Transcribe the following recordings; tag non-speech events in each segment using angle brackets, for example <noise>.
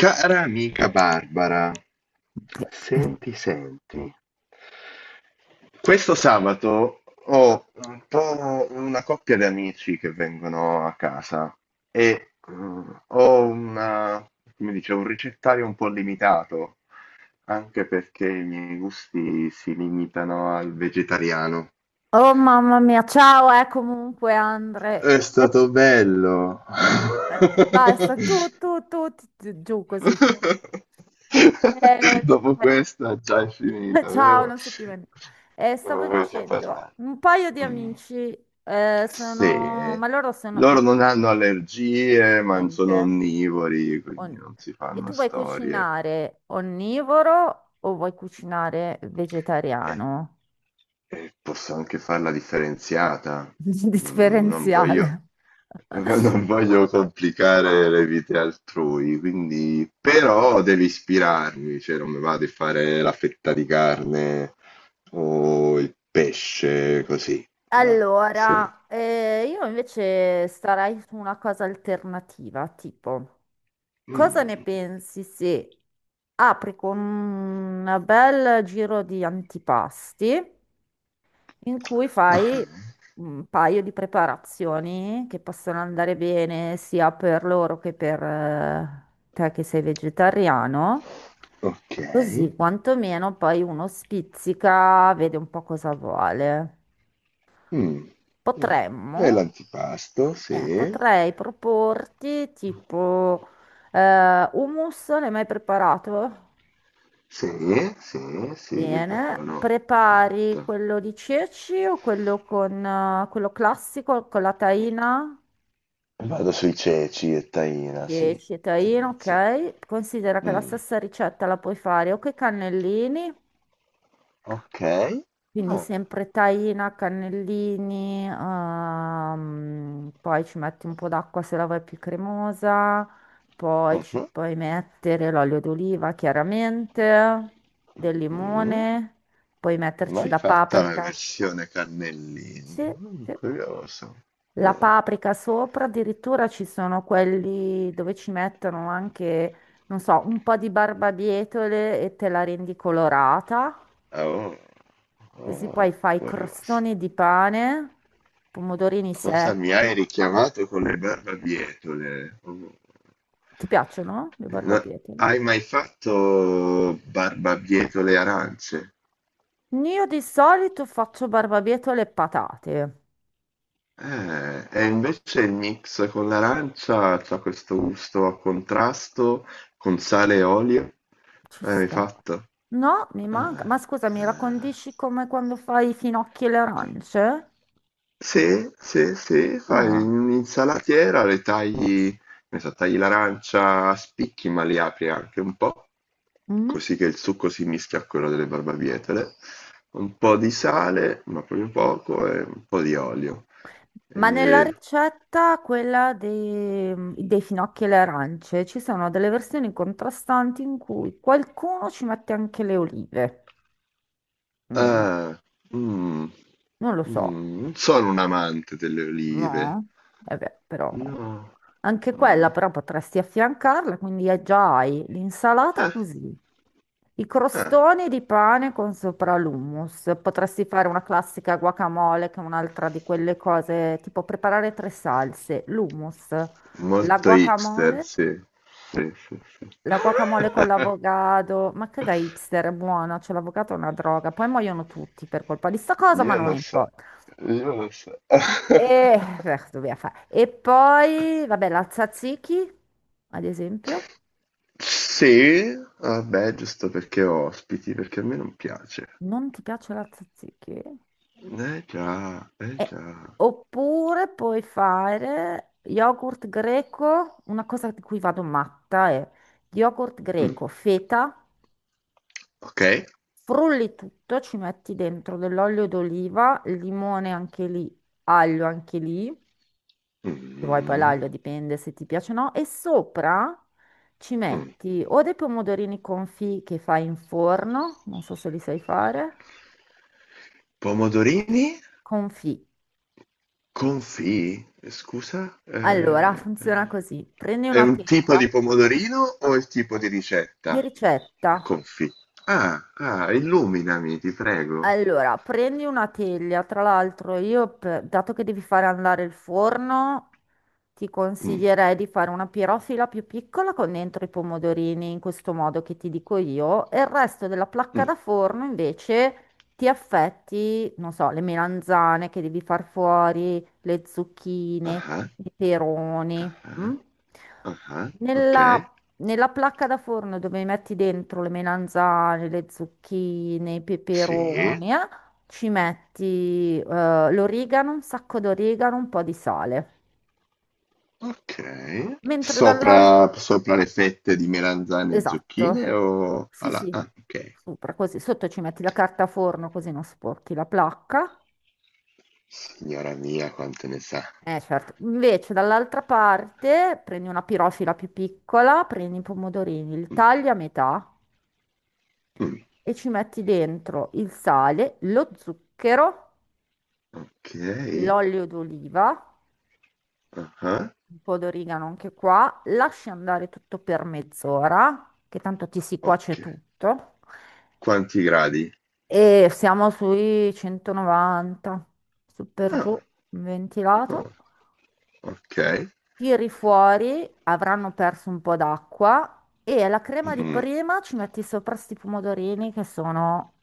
Cara amica Barbara, senti, senti, questo sabato ho un po' una coppia di amici che vengono a casa e ho una, come dice, un ricettario un po' limitato, anche perché i miei gusti si limitano al vegetariano. Oh mamma mia, ciao, comunque Andre. È Eh, stato bello. Basta, <laughs> giù così. Finiamo. <laughs> Eh, Dopo questa già è <laughs> finita, ciao, vero? non so più bene. Stavo Non voglio più dicendo, parlare. un paio di Mm. amici sono, Sì, ma loro sono, ma loro non hanno allergie, ma niente. sono onnivori, quindi on- non si E fanno tu vuoi storie. cucinare onnivoro o vuoi cucinare Eh, vegetariano? eh, posso anche farla differenziata. <laughs> Non voglio, Differenziale. <laughs> non voglio complicare le vite altrui, quindi però devi ispirarmi, cioè non mi va di fare la fetta di carne o il pesce così. Va, se- Allora, io invece starei su una cosa alternativa, tipo, cosa Mm. ne pensi se apri con un bel giro di antipasti in cui Ah, fai un paio di preparazioni che possono andare bene sia per loro che per te che sei vegetariano? ok. Così quantomeno poi uno spizzica, vede un po' cosa vuole. Mm. Mm. Potremmo E l'antipasto, sì. Potrei proporti tipo hummus, l'hai mai preparato? Sì, sì, sì, Bene, buono. prepari Molto. quello di ceci o quello con quello classico con la taina? Vado sui ceci e taina, sì. Ceci e taina, Tendenzia. ok. Considera che la Mm, stessa ricetta la puoi fare o con i cannellini. ok. Quindi Ah, sempre taina, cannellini, poi ci metti un po' d'acqua se la vuoi più cremosa, poi ci mhm, puoi mettere l'olio d'oliva chiaramente, del mm. limone, puoi metterci Mai la fatta la paprika. versione cannellini. Sì, Mm, sì. curioso. La paprika sopra, addirittura ci sono quelli dove ci mettono anche, non so, un po' di barbabietole e te la rendi colorata. Ah, oh, Così poi oh, fai curioso. crostoni di pane, pomodorini Cosa mi secchi. hai richiamato con le barbabietole? Oh. Ti piacciono le No, hai barbabietole? mai fatto barbabietole arance? Io di solito faccio barbabietole e patate. E invece il mix con l'arancia c'ha questo gusto a contrasto con sale e olio. Ci Hai sta. fatto? No, mi Eh, manca. Ma scusa, mi la eh, condisci come quando fai i finocchi e le co- arance? se fai Ah. un'insalatiera, le tagli, ne so, tagli l'arancia a spicchi, ma li apri anche un po', Mm. così che il succo si mischia a quello delle barbabietole. Un po' di sale, ma proprio poco, e un po' di olio. Ma nella E ricetta, quella dei finocchi e le arance, ci sono delle versioni contrastanti in cui qualcuno ci mette anche le olive. Mm, no, Ah, mh, non lo so. Non sono un amante delle olive. No, eh beh, però No, anche quella no. però potresti affiancarla, quindi già hai l'insalata Ah, così, i ah, crostoni di pane con sopra l'hummus, potresti fare una classica guacamole che è un'altra di quelle cose, tipo preparare tre salse, l'hummus, la molto hipster, guacamole, sì. Sì, sì, sì. la guacamole con <laughs> l'avogado, ma che da hipster è buona, cioè l'avogado è una droga, poi muoiono tutti per colpa di sta cosa, ma Io non lo so, importa. io lo so. E, <laughs> beh, dobbiamo fare. E poi, vabbè, la tzatziki, ad esempio. Sì, vabbè, giusto perché ho ospiti, perché a me non piace. Non ti piace la tzatziki? Eh già, eh Eh, già. Oppure puoi fare yogurt greco, una cosa di cui vado matta è yogurt Mm, greco, feta, ok. frulli tutto, ci metti dentro dell'olio d'oliva, limone anche lì, aglio anche lì. Se vuoi poi Mm, l'aglio dipende se ti piace o no. E sopra ci mm. Mm. metti o dei pomodorini confit che fai in forno, non so se li sai fare. Pomodorini? Confit. Confì? Scusa? Allora, funziona così. Prendi È una un tipo teglia di pomodorino o il tipo di di ricetta? ricetta. Confì. Ah, ah, illuminami, ti prego. Allora, prendi una teglia, tra l'altro io, dato che devi fare andare il forno, ti Mm, consiglierei di fare una pirofila più piccola con dentro i pomodorini, in questo modo che ti dico io, e il resto della placca mm. da forno invece ti affetti, non so, le melanzane che devi far fuori, le zucchine, i Ah, peperoni. ah, Mm? ah, ok. Nella nella placca da forno dove metti dentro le melanzane, le zucchine, i Sì, peperoni, ci metti l'origano, un sacco d'origano, un po' di sale. ok. Mentre dall'altro... Sopra, sopra le fette di melanzane e zucchine Esatto, o sì alla... sì, Ah, ok. sopra così, sotto ci metti la carta forno così non sporchi la placca. Signora mia, quante ne sa. Eh certo, invece dall'altra parte prendi una pirofila più piccola, prendi i pomodorini, li Mm, tagli a metà mm. e ci metti dentro il sale, lo zucchero, Ok. l'olio d'oliva, Ah, un po' d'origano anche qua, lasci andare tutto per mezz'ora, che tanto ti si ok. cuoce tutto, Quanti gradi? e siamo sui 190, su per giù, Ah, ah, ventilato. ok. Tiri fuori, avranno perso un po' d'acqua e alla crema di Mm. prima ci metti sopra sti pomodorini che sono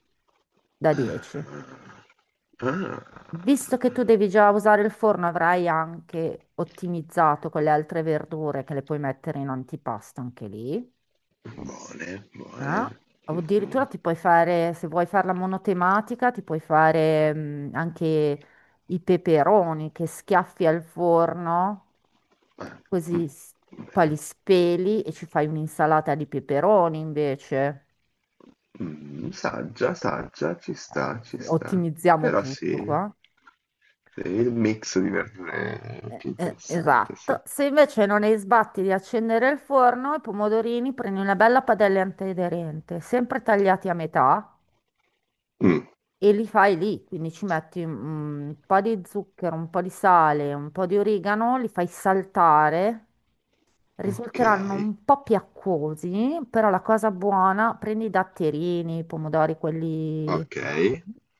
da Ah, 10. Visto che ah. tu devi già usare il forno, avrai anche ottimizzato con le altre verdure che le puoi mettere in antipasto anche lì. Buone, buone. Eh? O addirittura Mhm. ti puoi fare, se vuoi farla monotematica, ti puoi fare anche i peperoni che schiaffi al forno, Ah, mm, così s- poi li vero. speli e ci fai un'insalata di peperoni invece. Mm, saggia, saggia, ci Eh, sta, ci sì, sta. ottimizziamo Però tutto sì, qua. sì, il mix di verdure è più interessante, sì. Esatto, se invece non hai sbatti di accendere il forno, i pomodorini prendi una bella padella antiaderente, sempre tagliati a metà Mm, e li fai lì, quindi ci metti un po' di zucchero, un po' di sale, un po' di origano, li fai saltare. ok, Risulteranno un po' più acquosi, però la cosa buona, prendi i datterini, i pomodori, quelli... ok.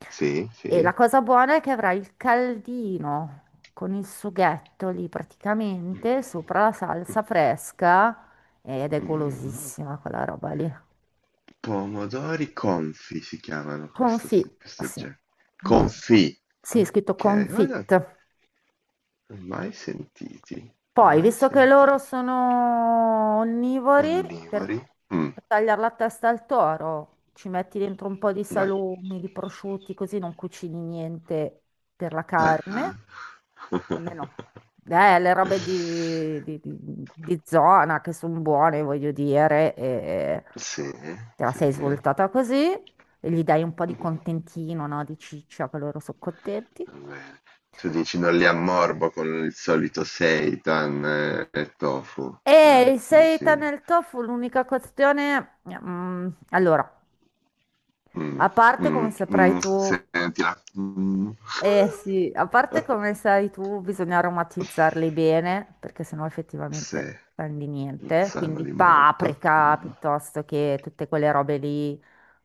Sì, E sì. la cosa buona è che avrai il caldino con il sughetto lì praticamente sopra la salsa fresca ed è Mm, golosissima quella roba lì. pomodori confi si chiamano questo, Confit, questo sì. genere. Confi. Sì, è scritto Ok, guarda, confit. mai sentiti, Poi, mai visto che loro sentiti. sono onnivori, per Onnivori? Mh, per tagliare la testa al toro, ci metti dentro un po' di beh, salumi, di prosciutti, così non cucini niente per la ah-ah. carne, almeno le robe <laughs> di zona che sono buone, voglio dire, e Sì, te la sì, sei svoltata così e gli dai un po' di contentino, no? Di ciccia, che loro sono contenti. va bene. Tu dici non li ammorbo con il solito seitan, e tofu, E il dici seitan nel tofu, l'unica questione... allora, mh, a parte come saprai tu, sentila. eh sì, a parte come <laughs> sai tu, bisogna aromatizzarli bene, perché sennò Sì, effettivamente non di non niente. sanno Quindi di molto. paprika piuttosto che tutte quelle robe lì,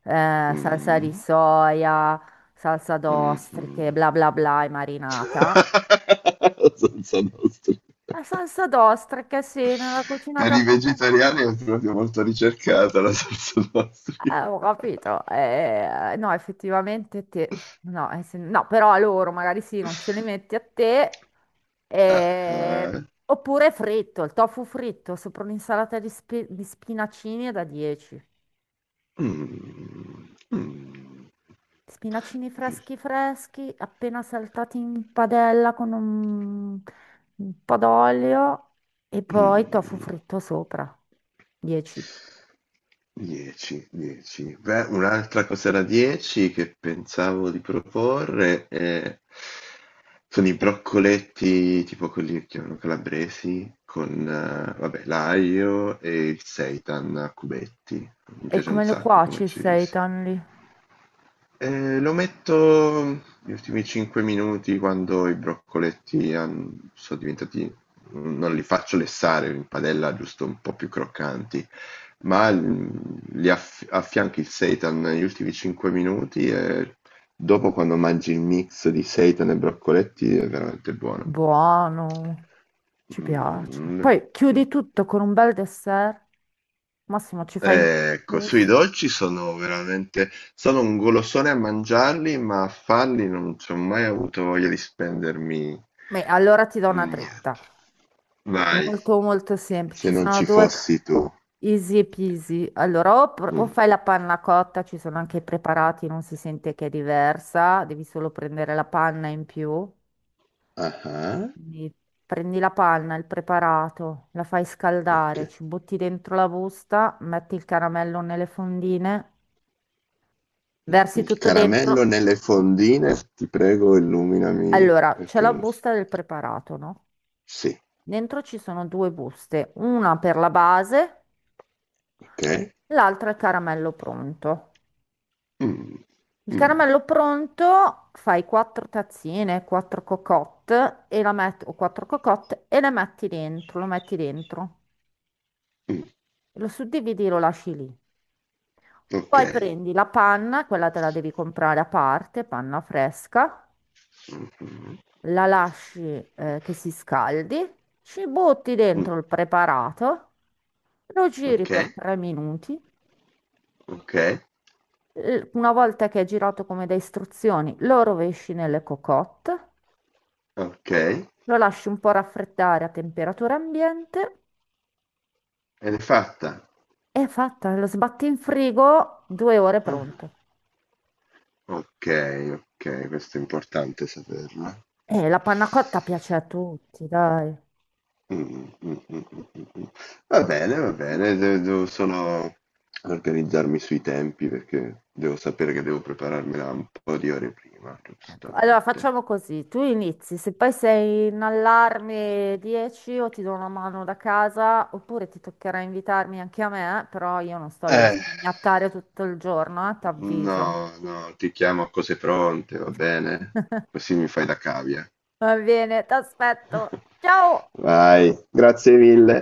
salsa di mh, soia, salsa mh-mh. d'ostriche, bla bla bla e marinata. <laughs> La salsa nostri. La salsa d'ostriche, sì, nella cucina Per i giapponese. vegetariani è proprio molto ricercata la salsa nostri. Ho capito. No, effettivamente te... No, no, però a loro magari sì, non ce li metti a te. Ah, Eh, ah. Oppure fritto, il tofu fritto sopra un'insalata di, di spinacini è da 10. Mm, mm, Spinacini freschi freschi, appena saltati in padella con un po' d'olio e poi tofu mm. fritto sopra. 10. 10, 10. Beh, un'altra cosa da 10 che pensavo di proporre sono i broccoletti tipo quelli che chiamano calabresi con vabbè, l'aglio e il seitan a cubetti. Mi E piace un come lo sacco come cuoci il ci si. seitan? Lo metto gli ultimi 5 minuti quando i broccoletti sono diventati, non li faccio lessare in padella, giusto un po' più croccanti, ma affianchi il seitan negli ultimi 5 minuti e dopo quando mangi il mix di seitan e broccoletti è veramente buono. Buono, ci piace. Mm, Poi mm. chiudi tutto con un bel dessert. Massimo, ci fai un Ecco, sui gusto. dolci sono veramente. Sono un golosone a mangiarli, ma a farli non ci ho mai avuto voglia di spendermi Beh, allora ti do una un niente. dritta. Vai, Molto, molto semplice. se Ci non sono ci fossi tu. easy peasy. Allora, o Mm. fai la panna cotta, ci sono anche i preparati, non si sente che è diversa. Devi solo prendere la panna in più. Ah, ah, Quindi prendi la panna, il preparato, la fai ok. scaldare, ci butti dentro la busta, metti il caramello nelle fondine, versi Il tutto caramello dentro. nelle fondine, ti prego, illuminami Allora, c'è perché la non so. busta del preparato, no? Sì, Dentro ci sono due buste, una per la base, ok. l'altra è il caramello pronto. Mm, Il mm, caramello pronto fai quattro tazzine, quattro cocotte e la met- o quattro cocotte e le metti dentro. mm, Lo suddividi e lo lasci lì. ok. Poi prendi la panna, quella te la devi comprare a parte, panna fresca, Mhm, mm, la lasci che si scaldi, ci butti mm, dentro il preparato. Lo giri ok, per 3 minuti, ok, una volta che è girato come da istruzioni, lo rovesci nelle cocotte, ok. lo lasci un po' raffreddare a temperatura ambiente Ed è fatta. e è fatta, lo sbatti in frigo, 2 ore Ah, pronto. okay, okay, questo è importante saperlo. E la panna cotta piace a tutti, dai. Mh, mh, mh, mh, mh, mh. Va Mm. bene, de devo solo organizzarmi sui tempi perché devo sapere che devo prepararmela un po' di ore prima, Ecco, allora giustamente. facciamo così, tu inizi, se poi sei in allarme 10 o ti do una mano da casa oppure ti toccherà invitarmi anche a me, però io non sto lì a Eh. spignattare tutto il giorno, t'avviso. No, no, ti chiamo a cose pronte, va bene? <laughs> Così mi fai da cavia. Va bene, ti aspetto. Ciao! Vai, grazie mille.